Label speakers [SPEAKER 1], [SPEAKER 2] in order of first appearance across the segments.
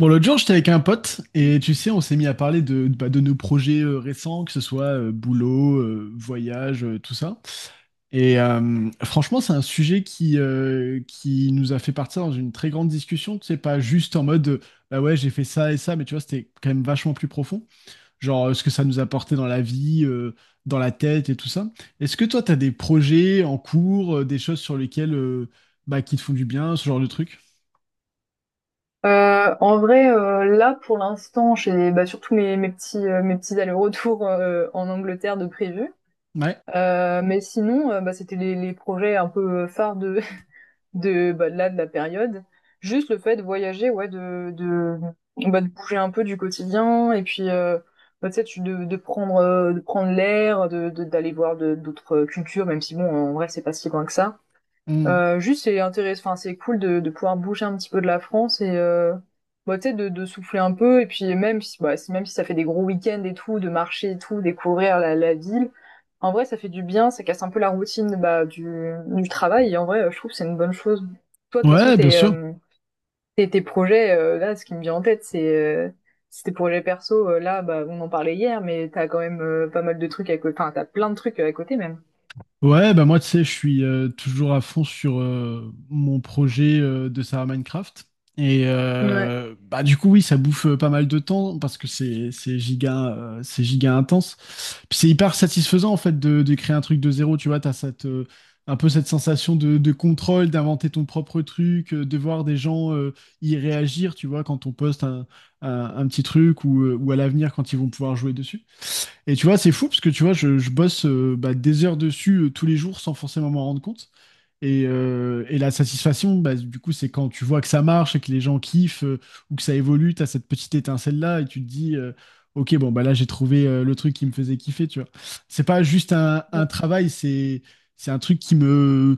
[SPEAKER 1] Bon, l'autre jour, j'étais avec un pote et tu sais, on s'est mis à parler de, bah, de nos projets récents, que ce soit boulot, voyage, tout ça. Et franchement, c'est un sujet qui nous a fait partir dans une très grande discussion. Tu sais, pas juste en mode, bah ouais, j'ai fait ça et ça, mais tu vois, c'était quand même vachement plus profond. Genre, ce que ça nous a apporté dans la vie, dans la tête et tout ça. Est-ce que toi, t'as des projets en cours, des choses sur lesquelles, bah, qui te font du bien, ce genre de truc?
[SPEAKER 2] En vrai, là pour l'instant, j'ai bah, surtout mes petits allers-retours en Angleterre de prévu.
[SPEAKER 1] Ouais.
[SPEAKER 2] Mais sinon, bah, c'était les projets un peu phares de de bah, de la période. Juste le fait de voyager, ouais, de bah, de bouger un peu du quotidien et puis bah, tu sais, de prendre l'air, d'aller voir d'autres cultures, même si bon, en vrai, c'est pas si loin que ça.
[SPEAKER 1] Mm.
[SPEAKER 2] Juste, c'est intéressant, enfin, c'est cool de pouvoir bouger un petit peu de la France et bah, tu sais, de souffler un peu. Et puis, même si, bah, même si ça fait des gros week-ends et tout, de marcher et tout, découvrir la ville, en vrai, ça fait du bien, ça casse un peu la routine bah, du travail. Et en vrai, je trouve que c'est une bonne chose. Toi, de toute façon,
[SPEAKER 1] Ouais, bien sûr.
[SPEAKER 2] tes projets, là, ce qui me vient en tête, c'est tes projets perso. Là, bah, on en parlait hier, mais t'as quand même pas mal de trucs à côté, enfin, t'as plein de trucs à côté même.
[SPEAKER 1] Ouais, bah moi, tu sais, je suis toujours à fond sur mon projet de Sarah Minecraft. Et
[SPEAKER 2] Ouais.
[SPEAKER 1] bah du coup, oui, ça bouffe pas mal de temps parce que c'est giga, c'est giga intense. Puis c'est hyper satisfaisant, en fait, de créer un truc de zéro. Tu vois, t'as un peu cette sensation de contrôle, d'inventer ton propre truc, de voir des gens y réagir, tu vois, quand on poste un petit truc ou à l'avenir quand ils vont pouvoir jouer dessus. Et tu vois, c'est fou parce que tu vois, je bosse bah, des heures dessus tous les jours sans forcément m'en rendre compte. Et la satisfaction, bah, du coup, c'est quand tu vois que ça marche et que les gens kiffent ou que ça évolue, t'as cette petite étincelle-là et tu te dis, ok, bon, bah là, j'ai trouvé le truc qui me faisait kiffer, tu vois. C'est pas juste un travail, c'est un truc qui me,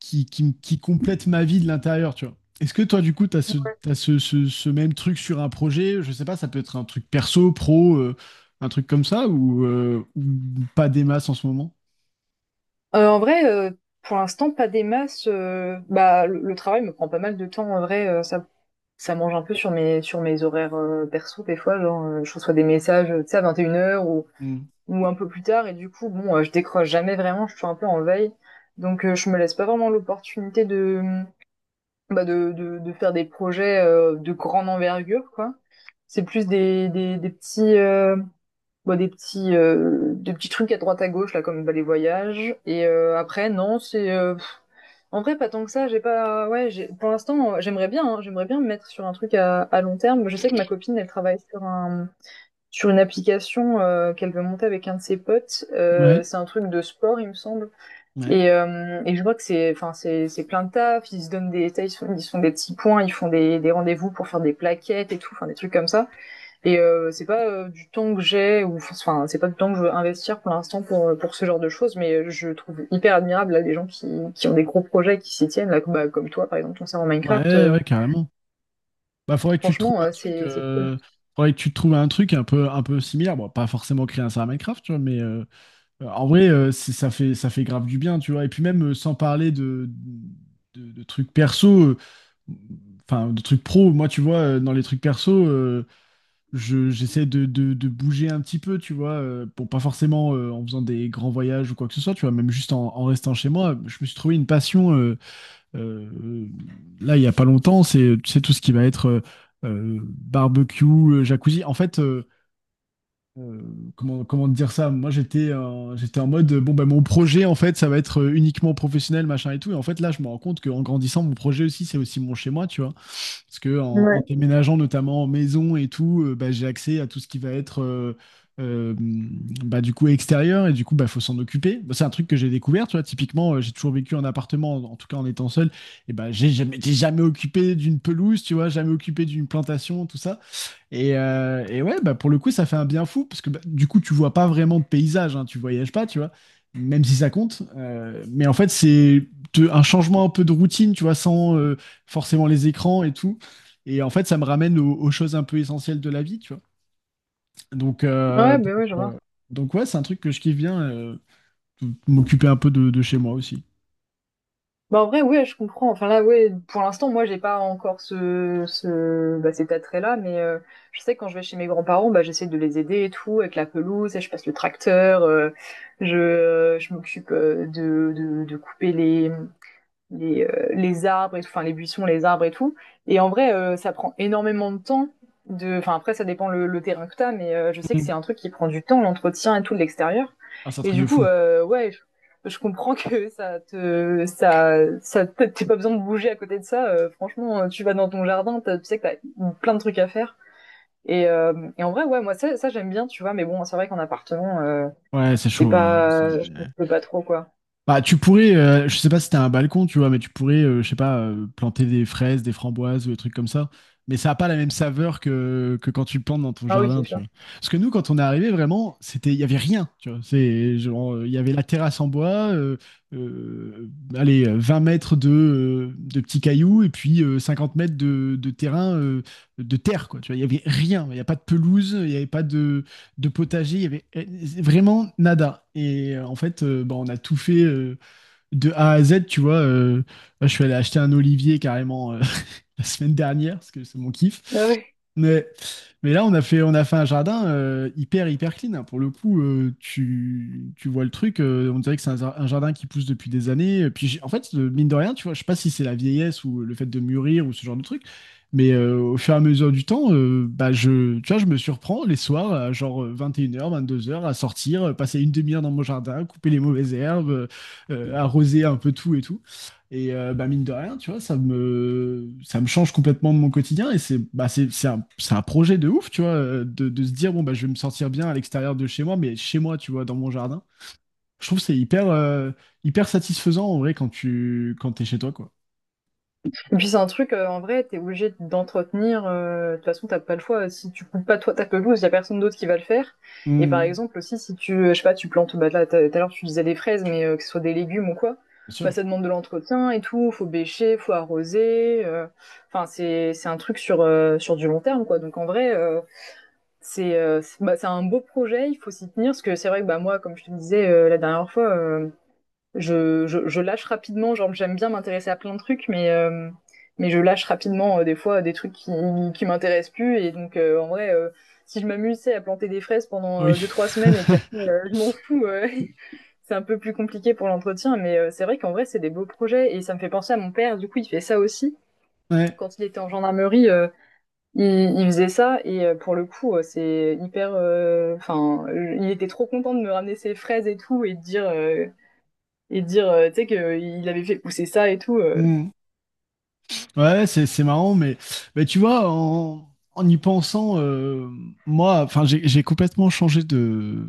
[SPEAKER 1] qui complète ma vie de l'intérieur, tu vois. Est-ce que toi, du coup, t'as ce même truc sur un projet? Je sais pas, ça peut être un truc perso, pro, un truc comme ça, ou pas des masses en ce moment?
[SPEAKER 2] En vrai, pour l'instant, pas des masses. Bah, le travail me prend pas mal de temps. En vrai, ça mange un peu sur sur mes horaires perso des fois. Genre, je reçois des messages, tu sais, à 21 heures
[SPEAKER 1] Hmm.
[SPEAKER 2] ou un peu plus tard. Et du coup, bon, je décroche jamais vraiment. Je suis un peu en veille. Donc, je me laisse pas vraiment l'opportunité de, bah, de faire des projets de grande envergure, quoi. C'est plus des petits. Bah, des petits trucs à droite à gauche là comme bah, les voyages et après non en vrai pas tant que ça. J'ai pas, ouais, pour l'instant j'aimerais bien, hein, j'aimerais bien me mettre sur un truc à long terme. Je sais que ma copine elle travaille sur une application qu'elle veut monter avec un de ses potes.
[SPEAKER 1] Ouais,
[SPEAKER 2] C'est un truc de sport, il me semble.
[SPEAKER 1] ouais,
[SPEAKER 2] Et je vois que c'est enfin c'est plein de taf. Ils se font des petits points. Ils font des rendez-vous pour faire des plaquettes et tout, enfin des trucs comme ça. C'est pas du temps que j'ai, ou enfin c'est pas du temps que je veux investir pour l'instant pour ce genre de choses, mais je trouve hyper admirable là des gens qui ont des gros projets et qui s'y tiennent là comme bah, comme toi par exemple ton serveur Minecraft.
[SPEAKER 1] ouais, ouais, carrément. Bah, faudrait que tu te trouves
[SPEAKER 2] Franchement,
[SPEAKER 1] un truc,
[SPEAKER 2] c'est cool.
[SPEAKER 1] faudrait que tu te trouves un truc un peu similaire. Bon, pas forcément créer un serveur Minecraft, tu vois, mais en vrai, ça fait grave du bien, tu vois. Et puis même, sans parler de trucs perso, enfin de trucs pro moi tu vois dans les trucs perso je j'essaie de bouger un petit peu tu vois bon pas forcément en faisant des grands voyages ou quoi que ce soit tu vois même juste en restant chez moi je me suis trouvé une passion euh, euh, là il y a pas longtemps c'est tu sais tout ce qui va être barbecue jacuzzi en fait euh, comment te dire ça? Moi, j'étais en mode, bon, ben, mon projet, en fait, ça va être uniquement professionnel, machin et tout. Et en fait, là, je me rends compte qu'en grandissant, mon projet aussi, c'est aussi mon chez-moi, tu vois. Parce que en
[SPEAKER 2] Ouais.
[SPEAKER 1] déménageant, notamment en maison et tout, bah, j'ai accès à tout ce qui va être, euh, bah, du coup, extérieur. Et du coup, bah, faut s'en occuper. Bah, c'est un truc que j'ai découvert, tu vois. Typiquement, j'ai toujours vécu en appartement, en tout cas en étant seul. Et bah, j'ai jamais, j'étais jamais occupé d'une pelouse, tu vois, jamais occupé d'une plantation, tout ça. Et ouais, bah pour le coup, ça fait un bien fou, parce que bah, du coup, tu vois pas vraiment de paysage, hein, tu voyages pas, tu vois, même si ça compte. Mais en fait, un changement un peu de routine, tu vois, sans forcément les écrans et tout. Et en fait, ça me ramène aux choses un peu essentielles de la vie, tu vois. Donc, euh,
[SPEAKER 2] Ouais,
[SPEAKER 1] donc,
[SPEAKER 2] bah ouais, je
[SPEAKER 1] euh,
[SPEAKER 2] vois.
[SPEAKER 1] donc ouais, c'est un truc que je kiffe bien, de m'occuper un peu de chez moi aussi.
[SPEAKER 2] Bah en vrai, ouais, je comprends. Enfin là, ouais, pour l'instant moi j'ai pas encore ce ce bah cet attrait là, mais je sais que quand je vais chez mes grands-parents bah j'essaie de les aider et tout avec la pelouse, et je passe le tracteur, je m'occupe de couper les arbres et tout, enfin les buissons, les arbres et tout. Et en vrai, ça prend énormément de temps. Enfin, après, ça dépend le terrain que t'as, mais je sais que
[SPEAKER 1] Mm.
[SPEAKER 2] c'est un truc qui prend du temps, l'entretien et tout de l'extérieur.
[SPEAKER 1] Ah, c'est un
[SPEAKER 2] Et
[SPEAKER 1] truc
[SPEAKER 2] du
[SPEAKER 1] de
[SPEAKER 2] coup,
[SPEAKER 1] fou.
[SPEAKER 2] ouais, je comprends que ça te, ça, t'as pas besoin de bouger à côté de ça. Franchement, tu vas dans ton jardin, tu sais que t'as plein de trucs à faire. Et, euh, et en vrai, ouais, moi ça j'aime bien, tu vois. Mais bon, c'est vrai qu'en appartement,
[SPEAKER 1] Ouais, c'est
[SPEAKER 2] c'est
[SPEAKER 1] chaud, hein,
[SPEAKER 2] pas, je peux pas trop quoi.
[SPEAKER 1] Bah, tu pourrais, je sais pas si t'as un balcon, tu vois, mais tu pourrais, je sais pas, planter des fraises, des framboises ou des trucs comme ça. Mais ça a pas la même saveur que quand tu le plantes dans ton
[SPEAKER 2] Ah oui,
[SPEAKER 1] jardin,
[SPEAKER 2] c'est
[SPEAKER 1] tu
[SPEAKER 2] sûr.
[SPEAKER 1] vois. Parce que nous, quand on est arrivé, vraiment, c'était, il y avait rien, tu vois. C'est genre, il y avait la terrasse en bois, euh, allez, 20 mètres de petits cailloux et puis 50 mètres de terrain, de terre, quoi. Tu vois, il y avait rien. Il n'y a pas de pelouse, il n'y avait pas de potager, il y avait vraiment nada. Et en fait, bah, on a tout fait de A à Z, tu vois. Là, je suis allé acheter un olivier carrément la semaine dernière, parce que c'est mon
[SPEAKER 2] Ah
[SPEAKER 1] kiff.
[SPEAKER 2] oui.
[SPEAKER 1] Mais, mais là, on a fait un jardin hyper, hyper clean, hein. Pour le coup, tu vois le truc, on dirait que c'est un jardin qui pousse depuis des années. Et puis, en fait, mine de rien, tu vois, je sais pas si c'est la vieillesse ou le fait de mûrir ou ce genre de truc, mais au fur et à mesure du temps, bah, tu vois, je me surprends les soirs, à genre 21 h, 22 h, à sortir, passer une demi-heure dans mon jardin, couper les mauvaises herbes arroser un peu tout et tout. Et bah, mine de rien, tu vois, ça me change complètement de mon quotidien. Et c'est bah, c'est un projet de ouf, tu vois, de se dire, bon, bah, je vais me sentir bien à l'extérieur de chez moi, mais chez moi, tu vois, dans mon jardin. Je trouve que c'est hyper satisfaisant, en vrai, quand t'es chez toi, quoi.
[SPEAKER 2] Et puis c'est un truc, en vrai, t'es obligé d'entretenir. De toute façon, t'as pas le choix. Si tu coupes pas toi ta pelouse, y a personne d'autre qui va le faire. Et par
[SPEAKER 1] Mm,
[SPEAKER 2] exemple aussi, si tu, je sais pas, tu plantes, bah là, tout à l'heure tu disais des fraises, mais que ce soit des légumes ou quoi,
[SPEAKER 1] bien
[SPEAKER 2] bah
[SPEAKER 1] sûr.
[SPEAKER 2] ça demande de l'entretien et tout. Faut bêcher, faut arroser. Enfin, c'est un truc sur sur du long terme, quoi. Donc en vrai, c'est un beau projet. Il faut s'y tenir parce que c'est vrai que bah moi, comme je te disais la dernière fois. Je lâche rapidement, genre j'aime bien m'intéresser à plein de trucs, mais je lâche rapidement des fois des trucs qui m'intéressent plus. Et donc en vrai, si je m'amusais à planter des fraises pendant
[SPEAKER 1] Oui.
[SPEAKER 2] 2, 3 semaines et qu'après je m'en fous, c'est un peu plus compliqué pour l'entretien. Mais c'est vrai qu'en vrai, c'est des beaux projets et ça me fait penser à mon père. Du coup, il fait ça aussi.
[SPEAKER 1] Ouais.
[SPEAKER 2] Quand il était en gendarmerie, il faisait ça pour le coup, c'est hyper. Enfin, il était trop content de me ramener ses fraises et tout et de dire. Et dire, tu sais, qu'il avait fait pousser ça et tout.
[SPEAKER 1] Mm. Ouais, c'est marrant, mais tu vois, en y pensant, moi, enfin, j'ai complètement changé de,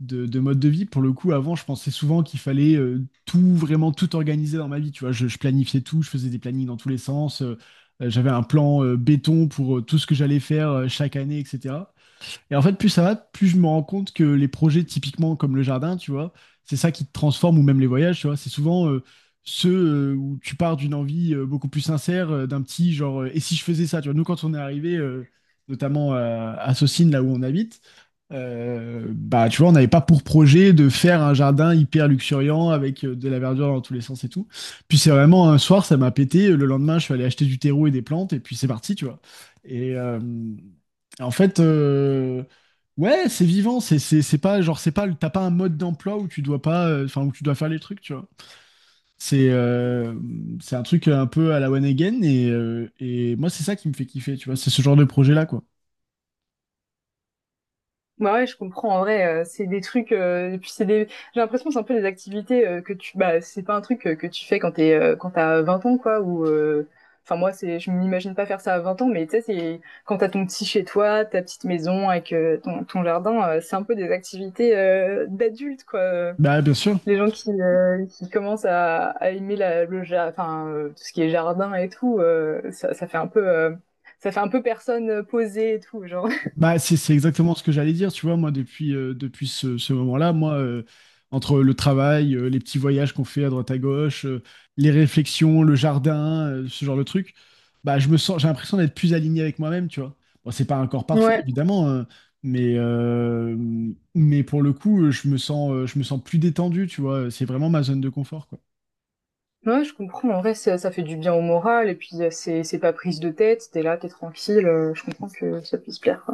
[SPEAKER 1] de, de mode de vie. Pour le coup, avant, je pensais souvent qu'il fallait tout, vraiment tout organiser dans ma vie. Tu vois, je planifiais tout, je faisais des plannings dans tous les sens. J'avais un plan béton pour tout ce que j'allais faire chaque année, etc. Et en fait, plus ça va, plus je me rends compte que les projets typiquement comme le jardin, tu vois, c'est ça qui te transforme ou même les voyages, tu vois. C'est souvent ceux où tu pars d'une envie beaucoup plus sincère, d'un petit genre, et si je faisais ça, tu vois. Nous, quand on est arrivé, notamment à Saucines, là où on habite, bah, tu vois, on n'avait pas pour projet de faire un jardin hyper luxuriant avec de la verdure dans tous les sens et tout. Puis c'est vraiment un soir, ça m'a pété. Le lendemain, je suis allé acheter du terreau et des plantes, et puis c'est parti, tu vois. Et, en fait, ouais, c'est vivant. C'est pas genre c'est pas le- t'as pas un mode d'emploi où tu dois pas, enfin où tu dois faire les trucs, tu vois. C'est euh, c'est un truc un peu à la One Again et moi c'est ça qui me fait kiffer, tu vois. C'est ce genre de projet-là, quoi.
[SPEAKER 2] Bah ouais, je comprends, en vrai, c'est des trucs, et puis c'est des, j'ai l'impression que c'est un peu des activités que tu, bah, c'est pas un truc que tu fais quand t'es, quand t'as 20 ans, quoi, ou, enfin, moi, c'est, je m'imagine pas faire ça à 20 ans, mais tu sais, c'est quand t'as ton petit chez toi, ta petite maison avec ton jardin, c'est un peu des activités d'adultes, quoi.
[SPEAKER 1] Bah bien sûr.
[SPEAKER 2] Les gens qui commencent à aimer enfin, tout ce qui est jardin et tout, ça fait un peu, ça fait un peu personne posée et tout, genre.
[SPEAKER 1] Bah, c'est exactement ce que j'allais dire, tu vois, moi, depuis ce moment-là, moi, entre le travail, les petits voyages qu'on fait à droite à gauche, les réflexions, le jardin, ce genre de truc, bah, je me sens, j'ai l'impression d'être plus aligné avec moi-même, tu vois. Bon, c'est pas encore parfait,
[SPEAKER 2] Ouais.
[SPEAKER 1] évidemment, hein, mais, euh, mais pour le coup, je me sens plus détendu, tu vois, c'est vraiment ma zone de confort, quoi.
[SPEAKER 2] Ouais, je comprends. En vrai, ça fait du bien au moral et puis c'est pas prise de tête. T'es là, t'es tranquille. Je comprends que ça puisse plaire.